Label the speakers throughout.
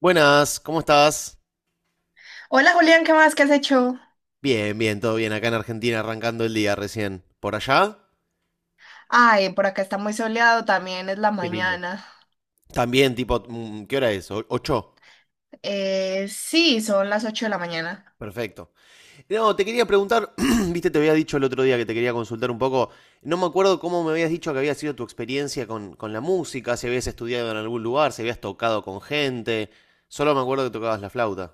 Speaker 1: Buenas, ¿cómo estás?
Speaker 2: Hola Julián, ¿qué más? ¿Qué has hecho?
Speaker 1: Bien, bien, todo bien. Acá en Argentina arrancando el día recién. ¿Por allá?
Speaker 2: Ay, por acá está muy soleado, también es la
Speaker 1: Qué lindo.
Speaker 2: mañana.
Speaker 1: También, tipo, ¿qué hora es? ¿Ocho?
Speaker 2: Sí, son las 8 de la mañana.
Speaker 1: Perfecto. No, te quería preguntar, viste, te había dicho el otro día que te quería consultar un poco. No me acuerdo cómo me habías dicho que había sido tu experiencia con la música, si habías estudiado en algún lugar, si habías tocado con gente. Solo me acuerdo que tocabas la flauta.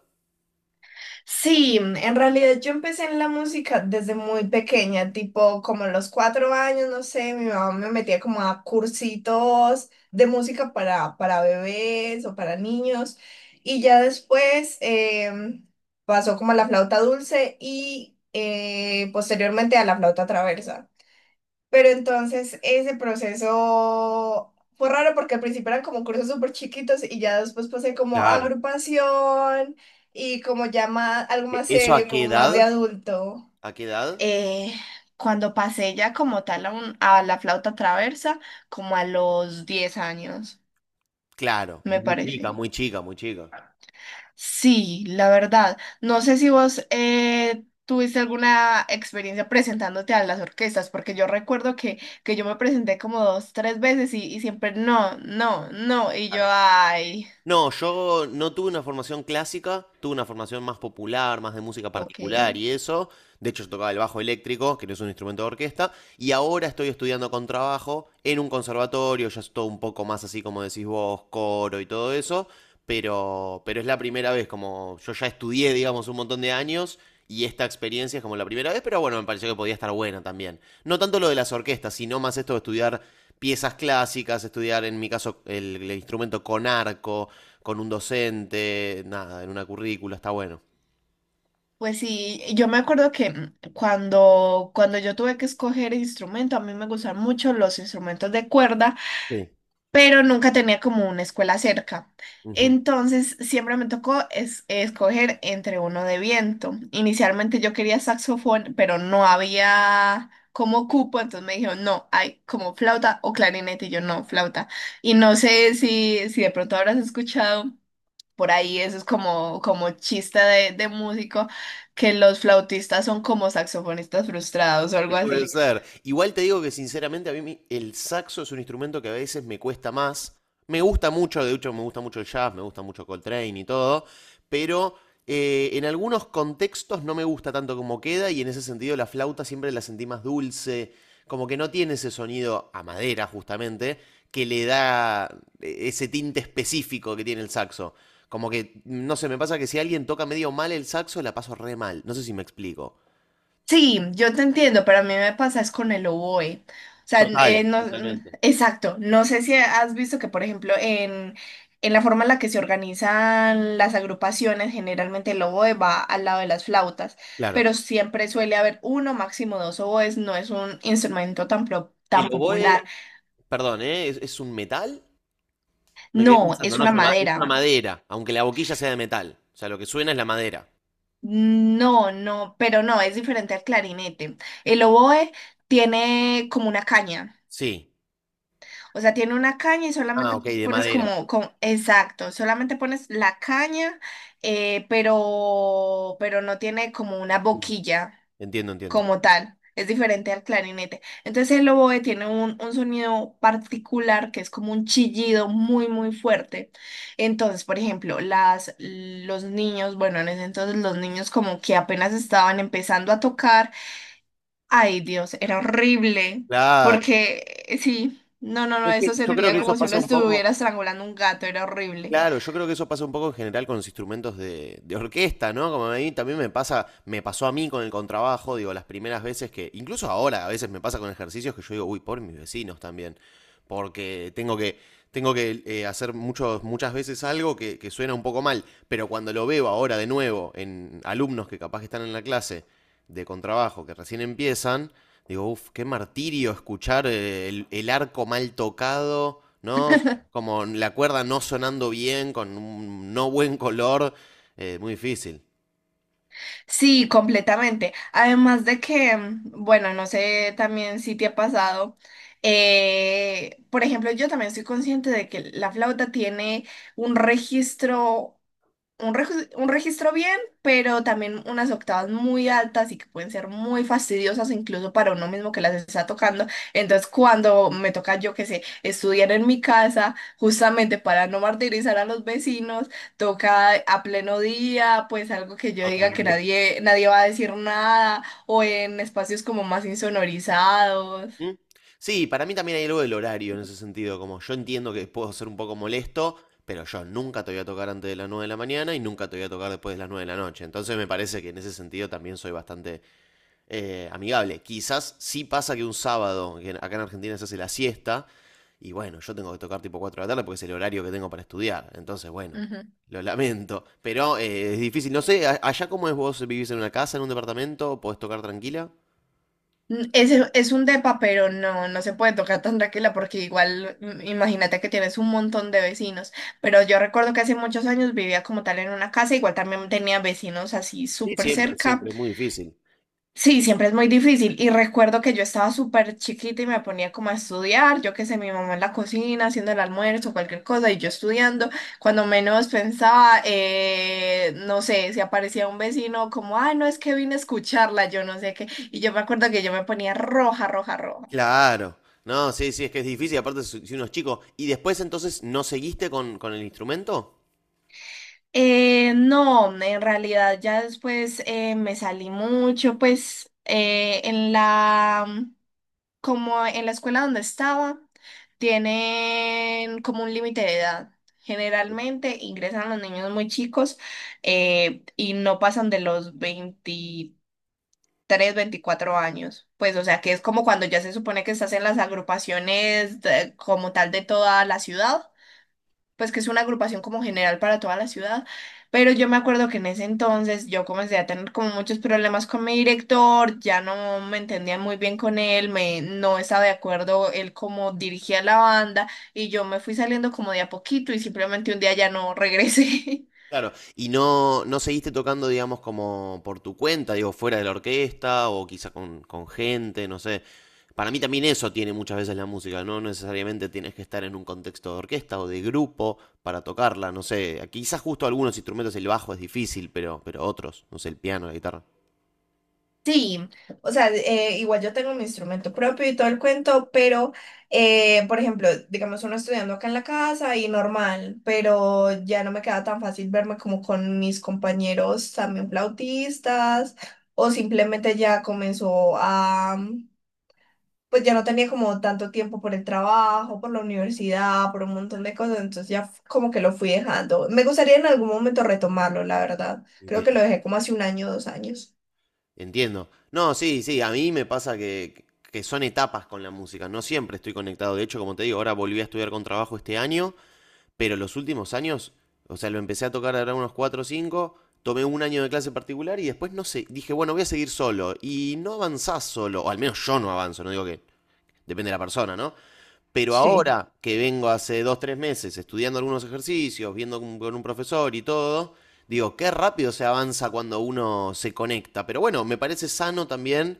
Speaker 2: Sí, en realidad yo empecé en la música desde muy pequeña, tipo como a los 4 años, no sé, mi mamá me metía como a cursitos de música para bebés o para niños. Y ya después pasó como a la flauta dulce y posteriormente a la flauta traversa. Pero entonces ese proceso fue raro porque al principio eran como cursos súper chiquitos y ya después pasé como a
Speaker 1: Claro.
Speaker 2: agrupación y como ya más, algo más
Speaker 1: ¿Eso a
Speaker 2: serio,
Speaker 1: qué
Speaker 2: como más de
Speaker 1: edad?
Speaker 2: adulto.
Speaker 1: ¿A qué edad?
Speaker 2: eh, Cuando pasé ya como tal a la flauta traversa, como a los 10 años,
Speaker 1: Claro,
Speaker 2: me
Speaker 1: muy chica,
Speaker 2: parece.
Speaker 1: muy chica, muy chica.
Speaker 2: Sí, la verdad. No sé si vos tuviste alguna experiencia presentándote a las orquestas, porque yo recuerdo que, yo me presenté como dos, tres veces y siempre no, no, no. Y yo, ay,
Speaker 1: No, yo no tuve una formación clásica, tuve una formación más popular, más de música
Speaker 2: ok.
Speaker 1: particular y eso. De hecho, yo tocaba el bajo eléctrico, que no es un instrumento de orquesta, y ahora estoy estudiando contrabajo en un conservatorio, ya es todo un poco más así como decís vos, coro y todo eso, pero es la primera vez, como yo ya estudié, digamos, un montón de años, y esta experiencia es como la primera vez, pero bueno, me pareció que podía estar buena también. No tanto lo de las orquestas, sino más esto de estudiar piezas clásicas, estudiar en mi caso el instrumento con arco, con un docente, nada, en una currícula, está bueno.
Speaker 2: Pues sí, yo me acuerdo que cuando yo tuve que escoger instrumento, a mí me gustan mucho los instrumentos de cuerda.
Speaker 1: Sí.
Speaker 2: Pero nunca tenía como una escuela cerca.
Speaker 1: Ujú.
Speaker 2: Entonces siempre me tocó escoger entre uno de viento. Inicialmente yo quería saxofón, pero no había como cupo, entonces me dijeron, no, hay como flauta o clarinete, y yo no, flauta. Y no sé si de pronto habrás escuchado por ahí, eso es como, como chiste de músico, que los flautistas son como saxofonistas frustrados o algo
Speaker 1: Puede
Speaker 2: así.
Speaker 1: ser. Igual te digo que sinceramente a mí el saxo es un instrumento que a veces me cuesta más. Me gusta mucho, de hecho me gusta mucho el jazz, me gusta mucho Coltrane y todo, pero en algunos contextos no me gusta tanto como queda y en ese sentido la flauta siempre la sentí más dulce, como que no tiene ese sonido a madera justamente que le da ese tinte específico que tiene el saxo. Como que, no sé, me pasa que si alguien toca medio mal el saxo, la paso re mal. No sé si me explico.
Speaker 2: Sí, yo te entiendo, pero a mí me pasa es con el oboe. O sea,
Speaker 1: Total,
Speaker 2: no,
Speaker 1: totalmente.
Speaker 2: exacto. No sé si has visto que, por ejemplo, en la forma en la que se organizan las agrupaciones, generalmente el oboe va al lado de las flautas,
Speaker 1: Claro.
Speaker 2: pero siempre suele haber uno, máximo dos oboes. No es un instrumento
Speaker 1: El
Speaker 2: tan
Speaker 1: oboe,
Speaker 2: popular.
Speaker 1: perdón, ¿eh? ¿Es un metal? Me quedé
Speaker 2: No,
Speaker 1: pensando,
Speaker 2: es
Speaker 1: no, es
Speaker 2: una
Speaker 1: una, es una
Speaker 2: madera.
Speaker 1: madera, aunque la boquilla sea de metal. O sea, lo que suena es la madera.
Speaker 2: No, no, pero no, es diferente al clarinete. El oboe tiene como una caña.
Speaker 1: Sí.
Speaker 2: O sea, tiene una caña y
Speaker 1: Ah,
Speaker 2: solamente
Speaker 1: ok, de
Speaker 2: pones
Speaker 1: madera.
Speaker 2: como, exacto, solamente pones la caña, pero no tiene como una boquilla
Speaker 1: Entiendo, entiendo.
Speaker 2: como tal. Es diferente al clarinete. Entonces el oboe tiene un sonido particular que es como un chillido muy, muy fuerte. Entonces, por ejemplo, los niños, bueno, en ese entonces los niños como que apenas estaban empezando a tocar. Ay, Dios, era horrible.
Speaker 1: Claro.
Speaker 2: Porque sí, no, no, no, eso
Speaker 1: Yo creo
Speaker 2: sentía
Speaker 1: que eso
Speaker 2: como si uno
Speaker 1: pasa un poco
Speaker 2: estuviera estrangulando un gato, era horrible.
Speaker 1: Claro, yo creo que eso pasa un poco en general con los instrumentos de orquesta, ¿no? Como a mí también me pasa, me pasó a mí con el contrabajo, digo, las primeras veces que, incluso ahora a veces me pasa con ejercicios que yo digo, uy, por mis vecinos también, porque tengo que hacer muchos, muchas veces algo que suena un poco mal, pero cuando lo veo ahora de nuevo en alumnos que capaz que están en la clase de contrabajo, que recién empiezan, digo, uff, qué martirio escuchar el arco mal tocado, ¿no? Como la cuerda no sonando bien, con un no buen color, muy difícil.
Speaker 2: Sí, completamente. Además de que, bueno, no sé también si te ha pasado. Por ejemplo, yo también soy consciente de que la flauta tiene un registro. Un registro bien, pero también unas octavas muy altas y que pueden ser muy fastidiosas incluso para uno mismo que las está tocando. Entonces, cuando me toca, yo que sé, estudiar en mi casa, justamente para no martirizar a los vecinos, toca a pleno día, pues algo que yo diga que
Speaker 1: Totalmente.
Speaker 2: nadie, nadie va a decir nada, o en espacios como más insonorizados.
Speaker 1: ¿Mm? Sí, para mí también hay algo del horario en ese sentido, como yo entiendo que puedo ser un poco molesto, pero yo nunca te voy a tocar antes de las 9 de la mañana y nunca te voy a tocar después de las 9 de la noche. Entonces me parece que en ese sentido también soy bastante amigable. Quizás sí pasa que un sábado, que acá en Argentina se hace la siesta, y bueno, yo tengo que tocar tipo 4 de la tarde porque es el horario que tengo para estudiar. Entonces, bueno, lo lamento. Pero es difícil. No sé, allá cómo es, vos vivís en una casa, en un departamento, podés tocar tranquila.
Speaker 2: Es un depa, pero no, no se puede tocar tan tranquila porque igual imagínate que tienes un montón de vecinos. Pero yo recuerdo que hace muchos años vivía como tal en una casa, igual también tenía vecinos así
Speaker 1: Sí, sí,
Speaker 2: súper
Speaker 1: siempre, sí,
Speaker 2: cerca.
Speaker 1: siempre es muy difícil.
Speaker 2: Sí, siempre es muy difícil. Y recuerdo que yo estaba súper chiquita y me ponía como a estudiar, yo qué sé, mi mamá en la cocina haciendo el almuerzo, cualquier cosa, y yo estudiando. Cuando menos pensaba, no sé, si aparecía un vecino como, ay, no, es que vine a escucharla, yo no sé qué. Y yo me acuerdo que yo me ponía roja, roja, roja.
Speaker 1: Claro. No, sí, sí, es que es difícil. Aparte, si uno es chico. ¿Y después entonces no seguiste con el instrumento?
Speaker 2: No, en realidad ya después me salí mucho, pues en la como en la escuela donde estaba, tienen como un límite de edad. Generalmente ingresan los niños muy chicos y no pasan de los 23 24 años. Pues, o sea, que es como cuando ya se supone que estás en las agrupaciones como tal de toda la ciudad, pues que es una agrupación como general para toda la ciudad, pero yo me acuerdo que en ese entonces yo comencé a tener como muchos problemas con mi director, ya no me entendía muy bien con él, me no estaba de acuerdo él cómo dirigía la banda y yo me fui saliendo como de a poquito y simplemente un día ya no regresé.
Speaker 1: Claro, y no, no seguiste tocando, digamos, como por tu cuenta, digo, fuera de la orquesta o quizá con gente, no sé. Para mí también eso tiene muchas veces la música, no necesariamente tienes que estar en un contexto de orquesta o de grupo para tocarla, no sé. Quizás justo algunos instrumentos, el bajo es difícil, pero otros, no sé, el piano, la guitarra.
Speaker 2: Sí, o sea, igual yo tengo mi instrumento propio y todo el cuento, pero, por ejemplo, digamos uno estudiando acá en la casa y normal, pero ya no me queda tan fácil verme como con mis compañeros también flautistas o simplemente ya comenzó a, pues ya no tenía como tanto tiempo por el trabajo, por la universidad, por un montón de cosas, entonces ya como que lo fui dejando. Me gustaría en algún momento retomarlo, la verdad. Creo que
Speaker 1: Entiendo.
Speaker 2: lo dejé como hace un año, dos años.
Speaker 1: Entiendo. No, sí, sí, a mí me pasa que son etapas con la música, no siempre estoy conectado. De hecho, como te digo, ahora volví a estudiar con trabajo este año. Pero los últimos años, o sea, lo empecé a tocar ahora unos 4 o 5, tomé un año de clase particular y después no sé, dije, bueno, voy a seguir solo. Y no avanzás solo, o al menos yo no avanzo, no digo que depende de la persona, ¿no? Pero
Speaker 2: Sí.
Speaker 1: ahora que vengo hace dos, tres meses estudiando algunos ejercicios, viendo con un profesor y todo, digo, qué rápido se avanza cuando uno se conecta. Pero bueno, me parece sano también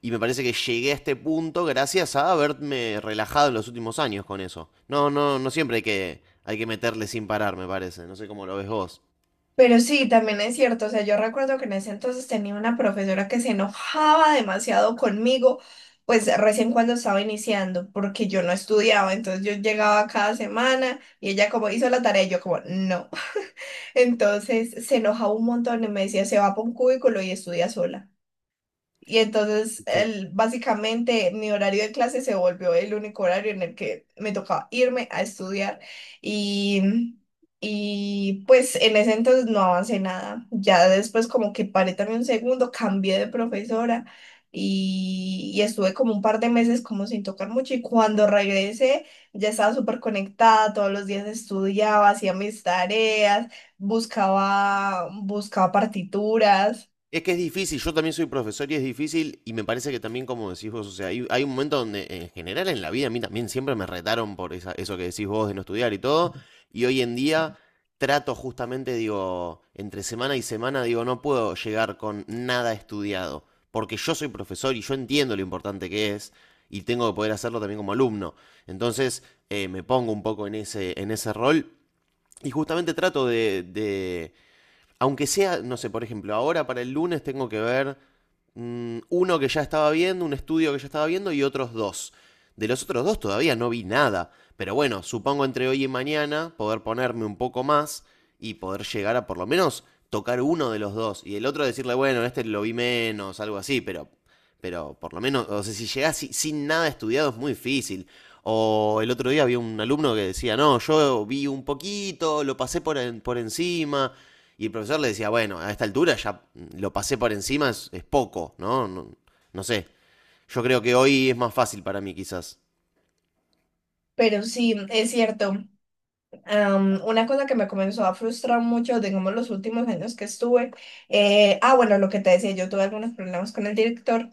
Speaker 1: y me parece que llegué a este punto gracias a haberme relajado en los últimos años con eso. No, no, no siempre hay que meterle sin parar, me parece. No sé cómo lo ves vos.
Speaker 2: Pero sí, también es cierto, o sea, yo recuerdo que en ese entonces tenía una profesora que se enojaba demasiado conmigo, pues recién cuando estaba iniciando, porque yo no estudiaba, entonces yo llegaba cada semana y ella como hizo la tarea y yo como no. Entonces se enojaba un montón y me decía, se va para un cubículo y estudia sola. Y entonces,
Speaker 1: Sí.
Speaker 2: básicamente, mi horario de clase se volvió el único horario en el que me tocaba irme a estudiar. Y, y pues en ese entonces no avancé nada. Ya después como que paré también un segundo, cambié de profesora y estuve como un par de meses como sin tocar mucho. Y cuando regresé, ya estaba súper conectada, todos los días estudiaba, hacía mis tareas, buscaba, buscaba partituras.
Speaker 1: Es que es difícil, yo también soy profesor y es difícil, y me parece que también, como decís vos, o sea, hay un momento donde en general en la vida a mí también siempre me retaron por eso que decís vos de no estudiar y todo, y hoy en día trato justamente, digo, entre semana y semana, digo, no puedo llegar con nada estudiado, porque yo soy profesor y yo entiendo lo importante que es, y tengo que poder hacerlo también como alumno. Entonces, me pongo un poco en ese rol, y justamente trato aunque sea, no sé, por ejemplo, ahora para el lunes tengo que ver uno que ya estaba viendo, un estudio que ya estaba viendo y otros dos. De los otros dos todavía no vi nada, pero bueno, supongo entre hoy y mañana poder ponerme un poco más y poder llegar a por lo menos tocar uno de los dos y el otro decirle, bueno, este lo vi menos, algo así, pero por lo menos, o sea, si llegás sin nada estudiado es muy difícil. O el otro día había un alumno que decía, no, yo vi un poquito, lo pasé por encima, y el profesor le decía, bueno, a esta altura ya lo pasé por encima, es poco, ¿no? ¿No? No sé. Yo creo que hoy es más fácil para mí, quizás.
Speaker 2: Pero sí, es cierto. Una cosa que me comenzó a frustrar mucho, digamos, los últimos años que estuve, bueno, lo que te decía, yo tuve algunos problemas con el director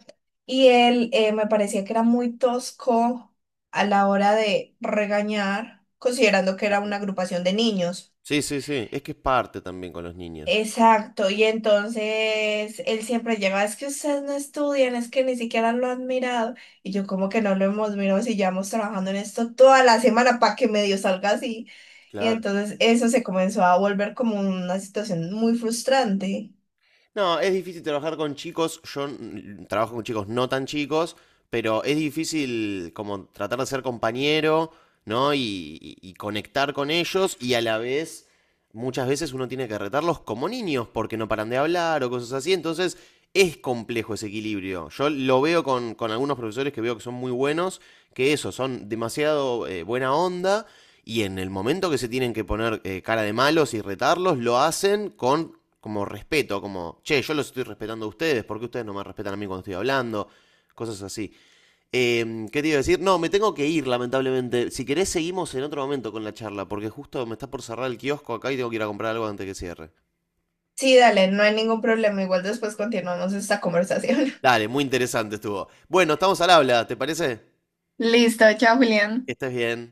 Speaker 2: y él me parecía que era muy tosco a la hora de regañar, considerando que era una
Speaker 1: Claro.
Speaker 2: agrupación de niños.
Speaker 1: Sí, sí, sí. Es que es parte también con los niños.
Speaker 2: Exacto, y entonces él siempre lleva, es que ustedes no estudian, es que ni siquiera lo han mirado. Y yo como que no lo hemos mirado si llevamos trabajando en esto toda la semana para que medio salga así. Y
Speaker 1: Claro.
Speaker 2: entonces eso se comenzó a volver como una situación muy frustrante.
Speaker 1: No, es difícil trabajar con chicos. Yo trabajo con chicos no tan chicos, pero es difícil como tratar de ser compañero, ¿no? Y conectar con ellos y a la vez muchas veces uno tiene que retarlos como niños porque no paran de hablar o cosas así. Entonces es complejo ese equilibrio. Yo lo veo con algunos profesores que veo que son muy buenos, que eso, son demasiado buena onda. Y en el momento que se tienen que poner cara de malos y retarlos, lo hacen con como respeto, como, che, yo los estoy respetando a ustedes, ¿por qué ustedes no me respetan a mí cuando estoy hablando? Cosas así. ¿Qué te iba a decir? No, me tengo que ir, lamentablemente. Si querés, seguimos en otro momento con la charla, porque justo me está por cerrar el kiosco acá y tengo que ir a comprar algo antes que cierre.
Speaker 2: Sí, dale, no hay ningún problema, igual después continuamos esta conversación.
Speaker 1: Dale, muy interesante estuvo. Bueno, estamos al habla, ¿te parece?
Speaker 2: Listo, chao, Julián.
Speaker 1: Que estés bien.